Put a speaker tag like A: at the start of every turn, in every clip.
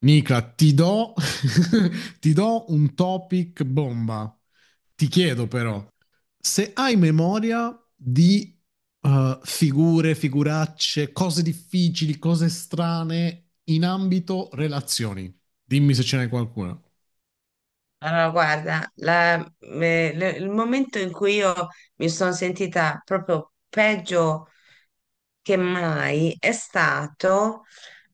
A: Nicla, ti do, ti do un topic bomba. Ti chiedo però, se hai memoria di figure, figuracce, cose difficili, cose strane in ambito relazioni, dimmi se ce n'è qualcuna.
B: Allora, guarda, il momento in cui io mi sono sentita proprio peggio che mai è stato,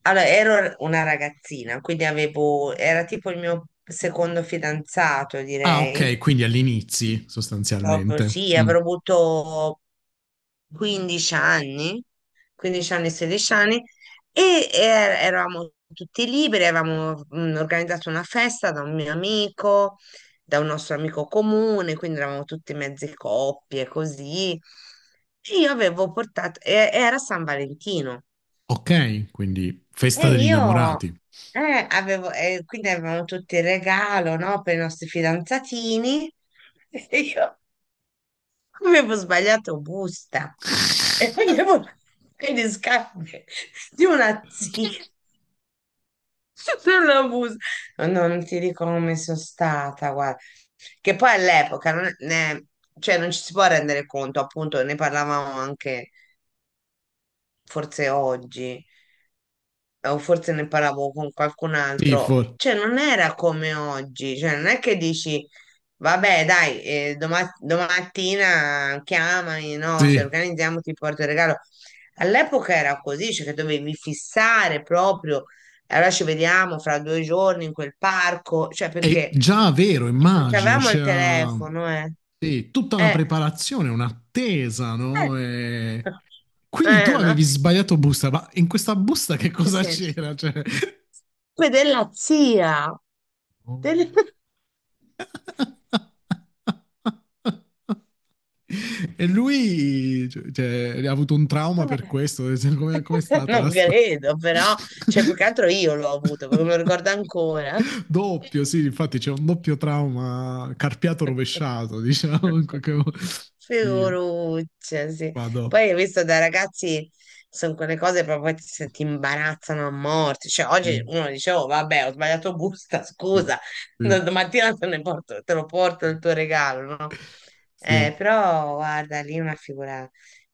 B: allora, ero una ragazzina, quindi avevo, era tipo il mio secondo fidanzato,
A: Ah,
B: direi,
A: ok, quindi all'inizio
B: proprio
A: sostanzialmente.
B: sì,
A: Mm.
B: avrò avuto 15 anni, 15 anni, 16 anni, e eravamo tutti liberi, avevamo organizzato una festa da un mio amico, da un nostro amico comune, quindi eravamo tutti mezzi coppie, così. E io avevo portato, era San Valentino,
A: Ok, quindi festa
B: e
A: degli
B: io
A: innamorati.
B: avevo, e quindi avevamo tutti il regalo, no, per i nostri fidanzatini. E io avevo sbagliato busta e avevo i riscambi di una zia sulla busta. No, no, non ti dico come sono stata, guarda. Che poi all'epoca non, ne- cioè non ci si può rendere conto, appunto, ne parlavamo anche forse oggi. O forse ne parlavo con qualcun
A: Sì,
B: altro, cioè non era come oggi, cioè non è che dici, vabbè, dai, domattina chiamami, no, ci
A: sì.
B: organizziamo, ti porto il regalo. All'epoca era così, cioè che dovevi fissare proprio, e allora ci vediamo fra due giorni in quel parco, cioè
A: È
B: perché
A: già vero,
B: non
A: immagino,
B: c'avevamo il
A: c'era
B: telefono, eh.
A: sì, tutta una
B: Eh,
A: preparazione, un'attesa,
B: eh.
A: no? Quindi tu
B: No?
A: avevi sbagliato busta, ma in questa busta che
B: Nel
A: cosa
B: senso,
A: c'era? Cioè...
B: poi della zia. del-
A: E lui, cioè, ha avuto un trauma per
B: Eh,
A: questo. Cioè, come com'è stata
B: Non
A: la storia?
B: credo, però, cioè, più che altro io l'ho avuto, perché me lo ricordo ancora.
A: Doppio, sì, infatti c'è un doppio trauma carpiato rovesciato, diciamo, in qualche modo. Sì,
B: Figuruccia, sì.
A: vado.
B: Poi hai visto, da ragazzi sono quelle cose proprio che se ti imbarazzano a morte. Cioè, oggi
A: Sì,
B: uno dice, oh, vabbè, ho sbagliato busta,
A: sì,
B: scusa,
A: sì,
B: domattina te ne porto, te lo porto
A: sì.
B: il tuo regalo, no?
A: Sì,
B: Però guarda, lì una figura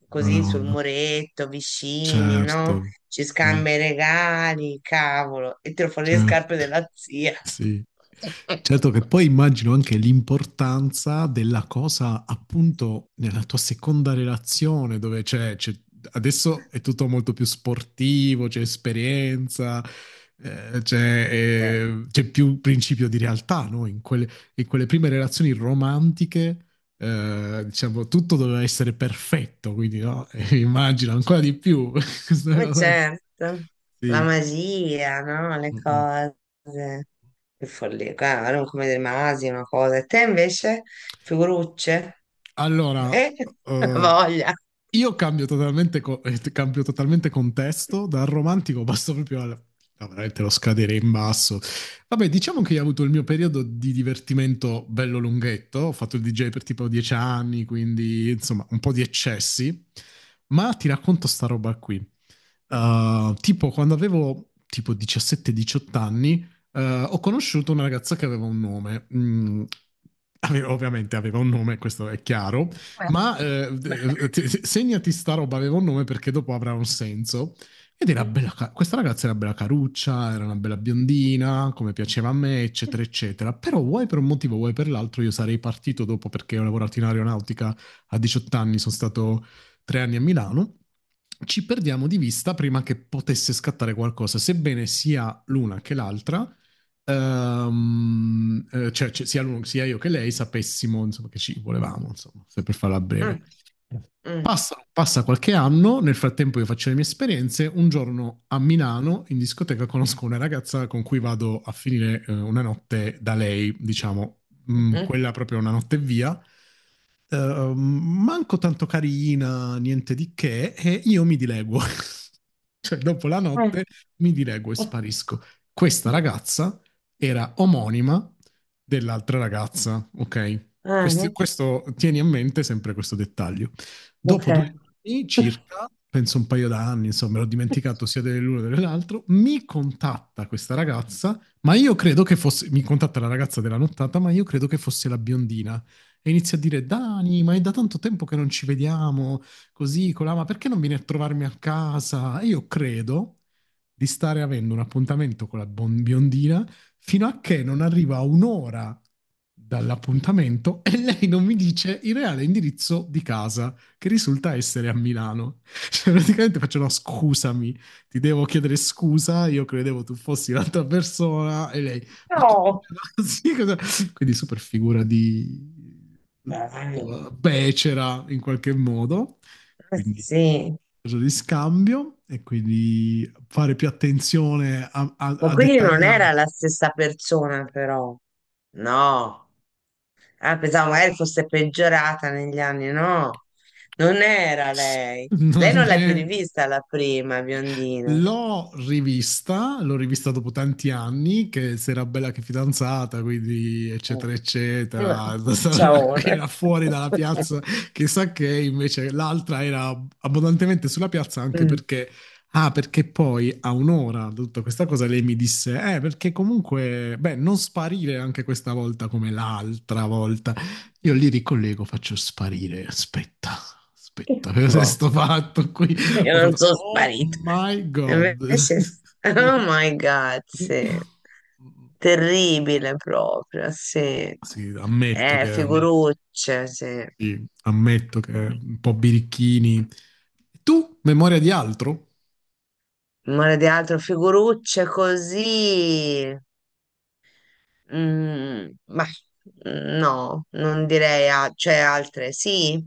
B: così sul
A: madonna.
B: muretto, vicini, no?
A: Certo,
B: Ci
A: certo,
B: scambia i regali, cavolo, e tiro fuori le scarpe
A: certo.
B: della zia.
A: Sì. Certo che poi immagino anche l'importanza della cosa appunto nella tua seconda relazione dove adesso è tutto molto più sportivo, c'è esperienza,
B: Eh,
A: c'è più principio di realtà, no? In quelle prime relazioni romantiche, diciamo, tutto doveva essere perfetto, quindi no? Immagino ancora di più. Questa è
B: ma
A: una cosa.
B: certo, la
A: Sì.
B: magia, no? Le
A: Mm, mm.
B: cose, che follia, guarda, non come dei masi, una cosa. E te invece, figurucce?
A: Allora,
B: Eh, la
A: eh,
B: voglia.
A: io cambio totalmente, cambio totalmente contesto, dal romantico passo proprio al... no, veramente lo scadere in basso. Vabbè, diciamo che io ho avuto il mio periodo di divertimento bello lunghetto, ho fatto il DJ per tipo 10 anni, quindi insomma un po' di eccessi, ma ti racconto sta roba qui. Tipo quando avevo tipo 17-18 anni, uh, ho conosciuto una ragazza che aveva un nome. Mm, ovviamente aveva un nome, questo è chiaro,
B: Beh,
A: ma
B: beh.
A: segnati sta roba, aveva un nome perché dopo avrà un senso. Ed era
B: Mm,
A: bella, questa ragazza era bella caruccia, era una bella biondina, come piaceva a me, eccetera, eccetera. Però vuoi per un motivo, vuoi per l'altro, io sarei partito dopo perché ho lavorato in aeronautica a 18 anni, sono stato 3 anni a Milano, ci perdiamo di vista prima che potesse scattare qualcosa, sebbene sia l'una che l'altra. Sia, sia io che lei sapessimo, insomma, che ci volevamo, insomma, se per farla breve.
B: mm,
A: Passa qualche anno, nel frattempo io faccio le mie esperienze, un giorno a Milano in discoteca conosco una ragazza con cui vado a finire una notte da lei, diciamo,
B: mm,
A: mm,
B: mm.
A: quella proprio una notte via, manco tanto carina, niente di che, e io mi dileguo. Cioè, dopo la notte mi dileguo e sparisco. Questa ragazza era omonima dell'altra ragazza, ok?
B: Ah, no?
A: Questo, tieni a mente sempre questo dettaglio.
B: Ok.
A: Dopo 2 anni circa, penso un paio d'anni, insomma, l'ho dimenticato sia dell'uno che dell'altro, mi contatta questa ragazza, ma io credo che fosse, mi contatta la ragazza della nottata, ma io credo che fosse la biondina e inizia a dire Dani, ma è da tanto tempo che non ci vediamo, così, colà, ma perché non vieni a trovarmi a casa? E io credo di stare avendo un appuntamento con la biondina fino a che non arriva a un'ora dall'appuntamento e lei non mi dice il reale indirizzo di casa, che risulta essere a Milano. Cioè, praticamente faccio no, scusami, ti devo chiedere scusa, io credevo tu fossi l'altra persona e lei, ma come?
B: No.
A: Sì, cosa? Quindi super figura di
B: Dai.
A: becera in qualche modo, quindi
B: Sì,
A: cosa di scambio e quindi fare più attenzione a,
B: ma
A: a
B: quindi non
A: dettagliare.
B: era la stessa persona, però. No. Ah, pensavo magari fosse peggiorata negli anni, no, non era lei. Lei non
A: Non
B: l'hai più
A: è
B: rivista, la prima biondina.
A: L'ho rivista dopo tanti anni, che si era bella che fidanzata, quindi
B: Mm.
A: eccetera
B: Vabbè,
A: eccetera,
B: ciao. Ora.
A: era fuori dalla piazza, chissà che invece l'altra era abbondantemente sulla piazza anche
B: Mm.
A: perché, ah, perché poi a un'ora da tutta questa cosa lei mi disse, perché comunque, beh, non sparire anche questa volta come l'altra volta. Io li ricollego, faccio sparire, aspetta. Aspetta, cosa è
B: Boh,
A: sto fatto qui?
B: io
A: Ho
B: non
A: fatto,
B: sono
A: oh
B: sparita.
A: my god.
B: Invece, oh
A: Sì.
B: my God, sì. Terribile proprio, sì.
A: Sì, ammetto che,
B: Figurucce, sì.
A: sì, ammetto che un po' birichini. Tu, memoria di altro?
B: Non di altro, figurucce così. Mm, ma no, non direi, cioè altre sì,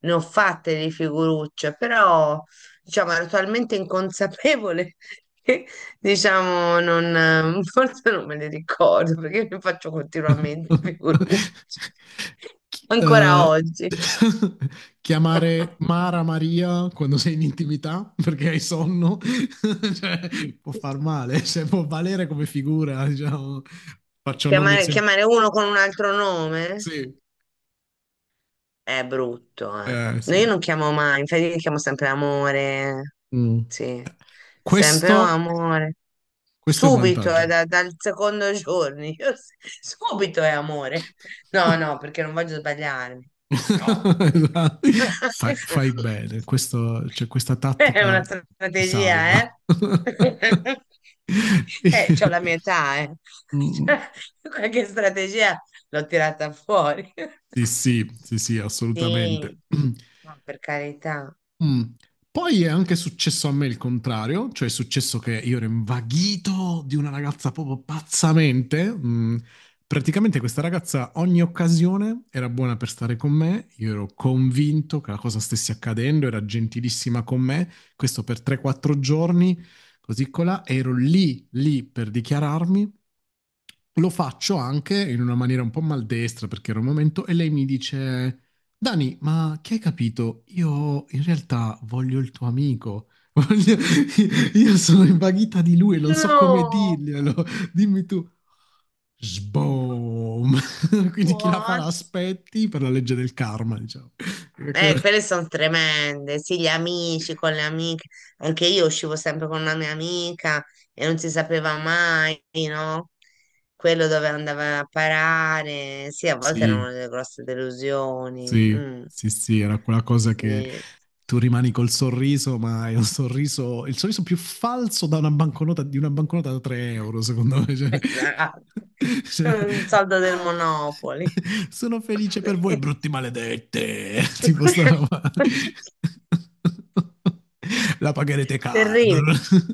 B: ne ho fatte di figurucce, però diciamo ero talmente inconsapevole che diciamo non, forse non me le ricordo perché ne faccio continuamente figurucce,
A: Chi-
B: ancora
A: eh,
B: oggi.
A: chiamare Mara Maria quando sei in intimità perché hai sonno, cioè, può far male, cioè, può valere come figura, diciamo. Faccio nomi
B: Chiamare,
A: esemplici.
B: chiamare uno con un altro nome?
A: Sì,
B: È brutto, eh. No, io
A: sì.
B: non chiamo mai, infatti io chiamo sempre amore.
A: Mm.
B: Sì, sempre "Oh,
A: Questo,
B: amore.
A: questo è un
B: Subito, è
A: vantaggio.
B: dal secondo giorno. Subito è amore. No, no, perché non voglio sbagliarmi. No.
A: Fai bene, questo, cioè, questa
B: È
A: tattica
B: una
A: ti
B: strategia,
A: salva.
B: eh? C'ho la mia età, eh. Cioè,
A: Mm.
B: qualche strategia l'ho tirata fuori.
A: Sì, sì, sì, sì,
B: Sì,
A: assolutamente.
B: ma per carità.
A: Mm. Poi è anche successo a me il contrario, cioè è successo che io ero invaghito di una ragazza proprio pazzamente. Mm. Praticamente questa ragazza ogni occasione era buona per stare con me, io ero convinto che la cosa stesse accadendo, era gentilissima con me, questo per 3-4 giorni, così colà, ero lì, lì per dichiararmi, lo faccio anche in una maniera un po' maldestra perché era un momento e lei mi dice Dani, ma che hai capito? Io in realtà voglio il tuo amico. Io sono invaghita di lui, non so come
B: No,
A: dirglielo. Dimmi tu. Sboom! Quindi chi la fa
B: what?
A: l'aspetti per la legge del karma, diciamo. Perché.
B: Quelle sono tremende. Sì, gli amici con le amiche. Anche io uscivo sempre con una mia amica e non si sapeva mai, no? Quello dove andava a parare. Sì, a volte erano
A: Sì,
B: delle grosse delusioni.
A: sì,
B: Mm,
A: sì, sì, era quella cosa che
B: sì,
A: tu rimani col sorriso, ma è un sorriso, il sorriso più falso da una banconota, di una banconota da 3 euro, secondo me.
B: esatto.
A: Cioè,
B: Un soldo del
A: ah,
B: Monopoli.
A: sono felice per voi, brutti maledette. Tipo sta roba. La pagherete caro.
B: Terribile.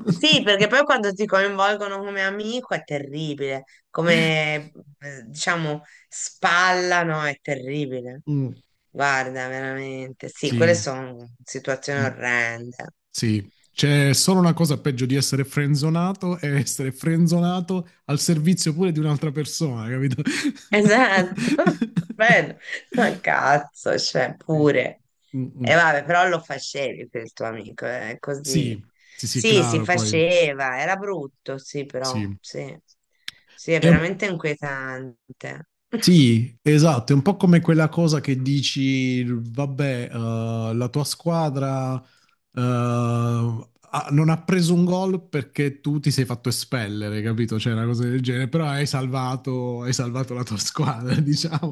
B: Sì, perché poi quando ti coinvolgono come amico è terribile, come diciamo spallano è terribile.
A: Mm,
B: Guarda, veramente. Sì, quelle
A: sì.
B: sono situazioni
A: Mm.
B: orrende.
A: Sì, c'è solo una cosa peggio di essere frenzonato, è essere frenzonato al servizio pure di un'altra persona, capito?
B: Esatto, bello, ma cazzo, cioè
A: Sì.
B: pure.
A: Mm, mm.
B: E vabbè, però lo facevi per il tuo amico, così.
A: Sì, sì, sì,
B: Sì, si
A: claro, poi
B: faceva, era brutto, sì, però,
A: sì.
B: sì. Sì, è
A: È un.
B: veramente inquietante.
A: Sì, esatto, è un po' come quella cosa che dici, vabbè, la tua squadra, non ha preso un gol perché tu ti sei fatto espellere, capito? Cioè, una cosa del genere, però hai salvato la tua squadra, diciamo.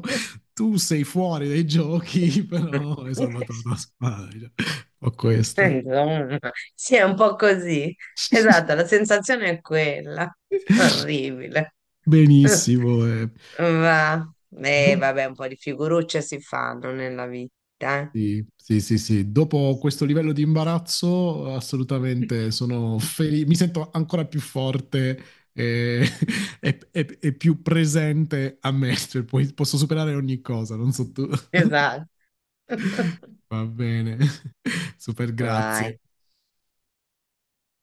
A: Tu sei fuori dai giochi, però hai salvato la tua squadra, diciamo. Ho questa.
B: Insomma, sì, è un po' così. Esatto, la sensazione è quella. Orribile.
A: Benissimo, eh.
B: Va.
A: Boh,
B: Vabbè, un po' di figurucce si fanno nella vita, eh.
A: sì, sì, sì, sì. Dopo questo livello di imbarazzo, assolutamente sono felice, mi sento ancora più forte e, e più presente a me, cioè, poi posso superare ogni cosa, non so tu.
B: Esatto.
A: Va bene, super
B: Vai.
A: grazie.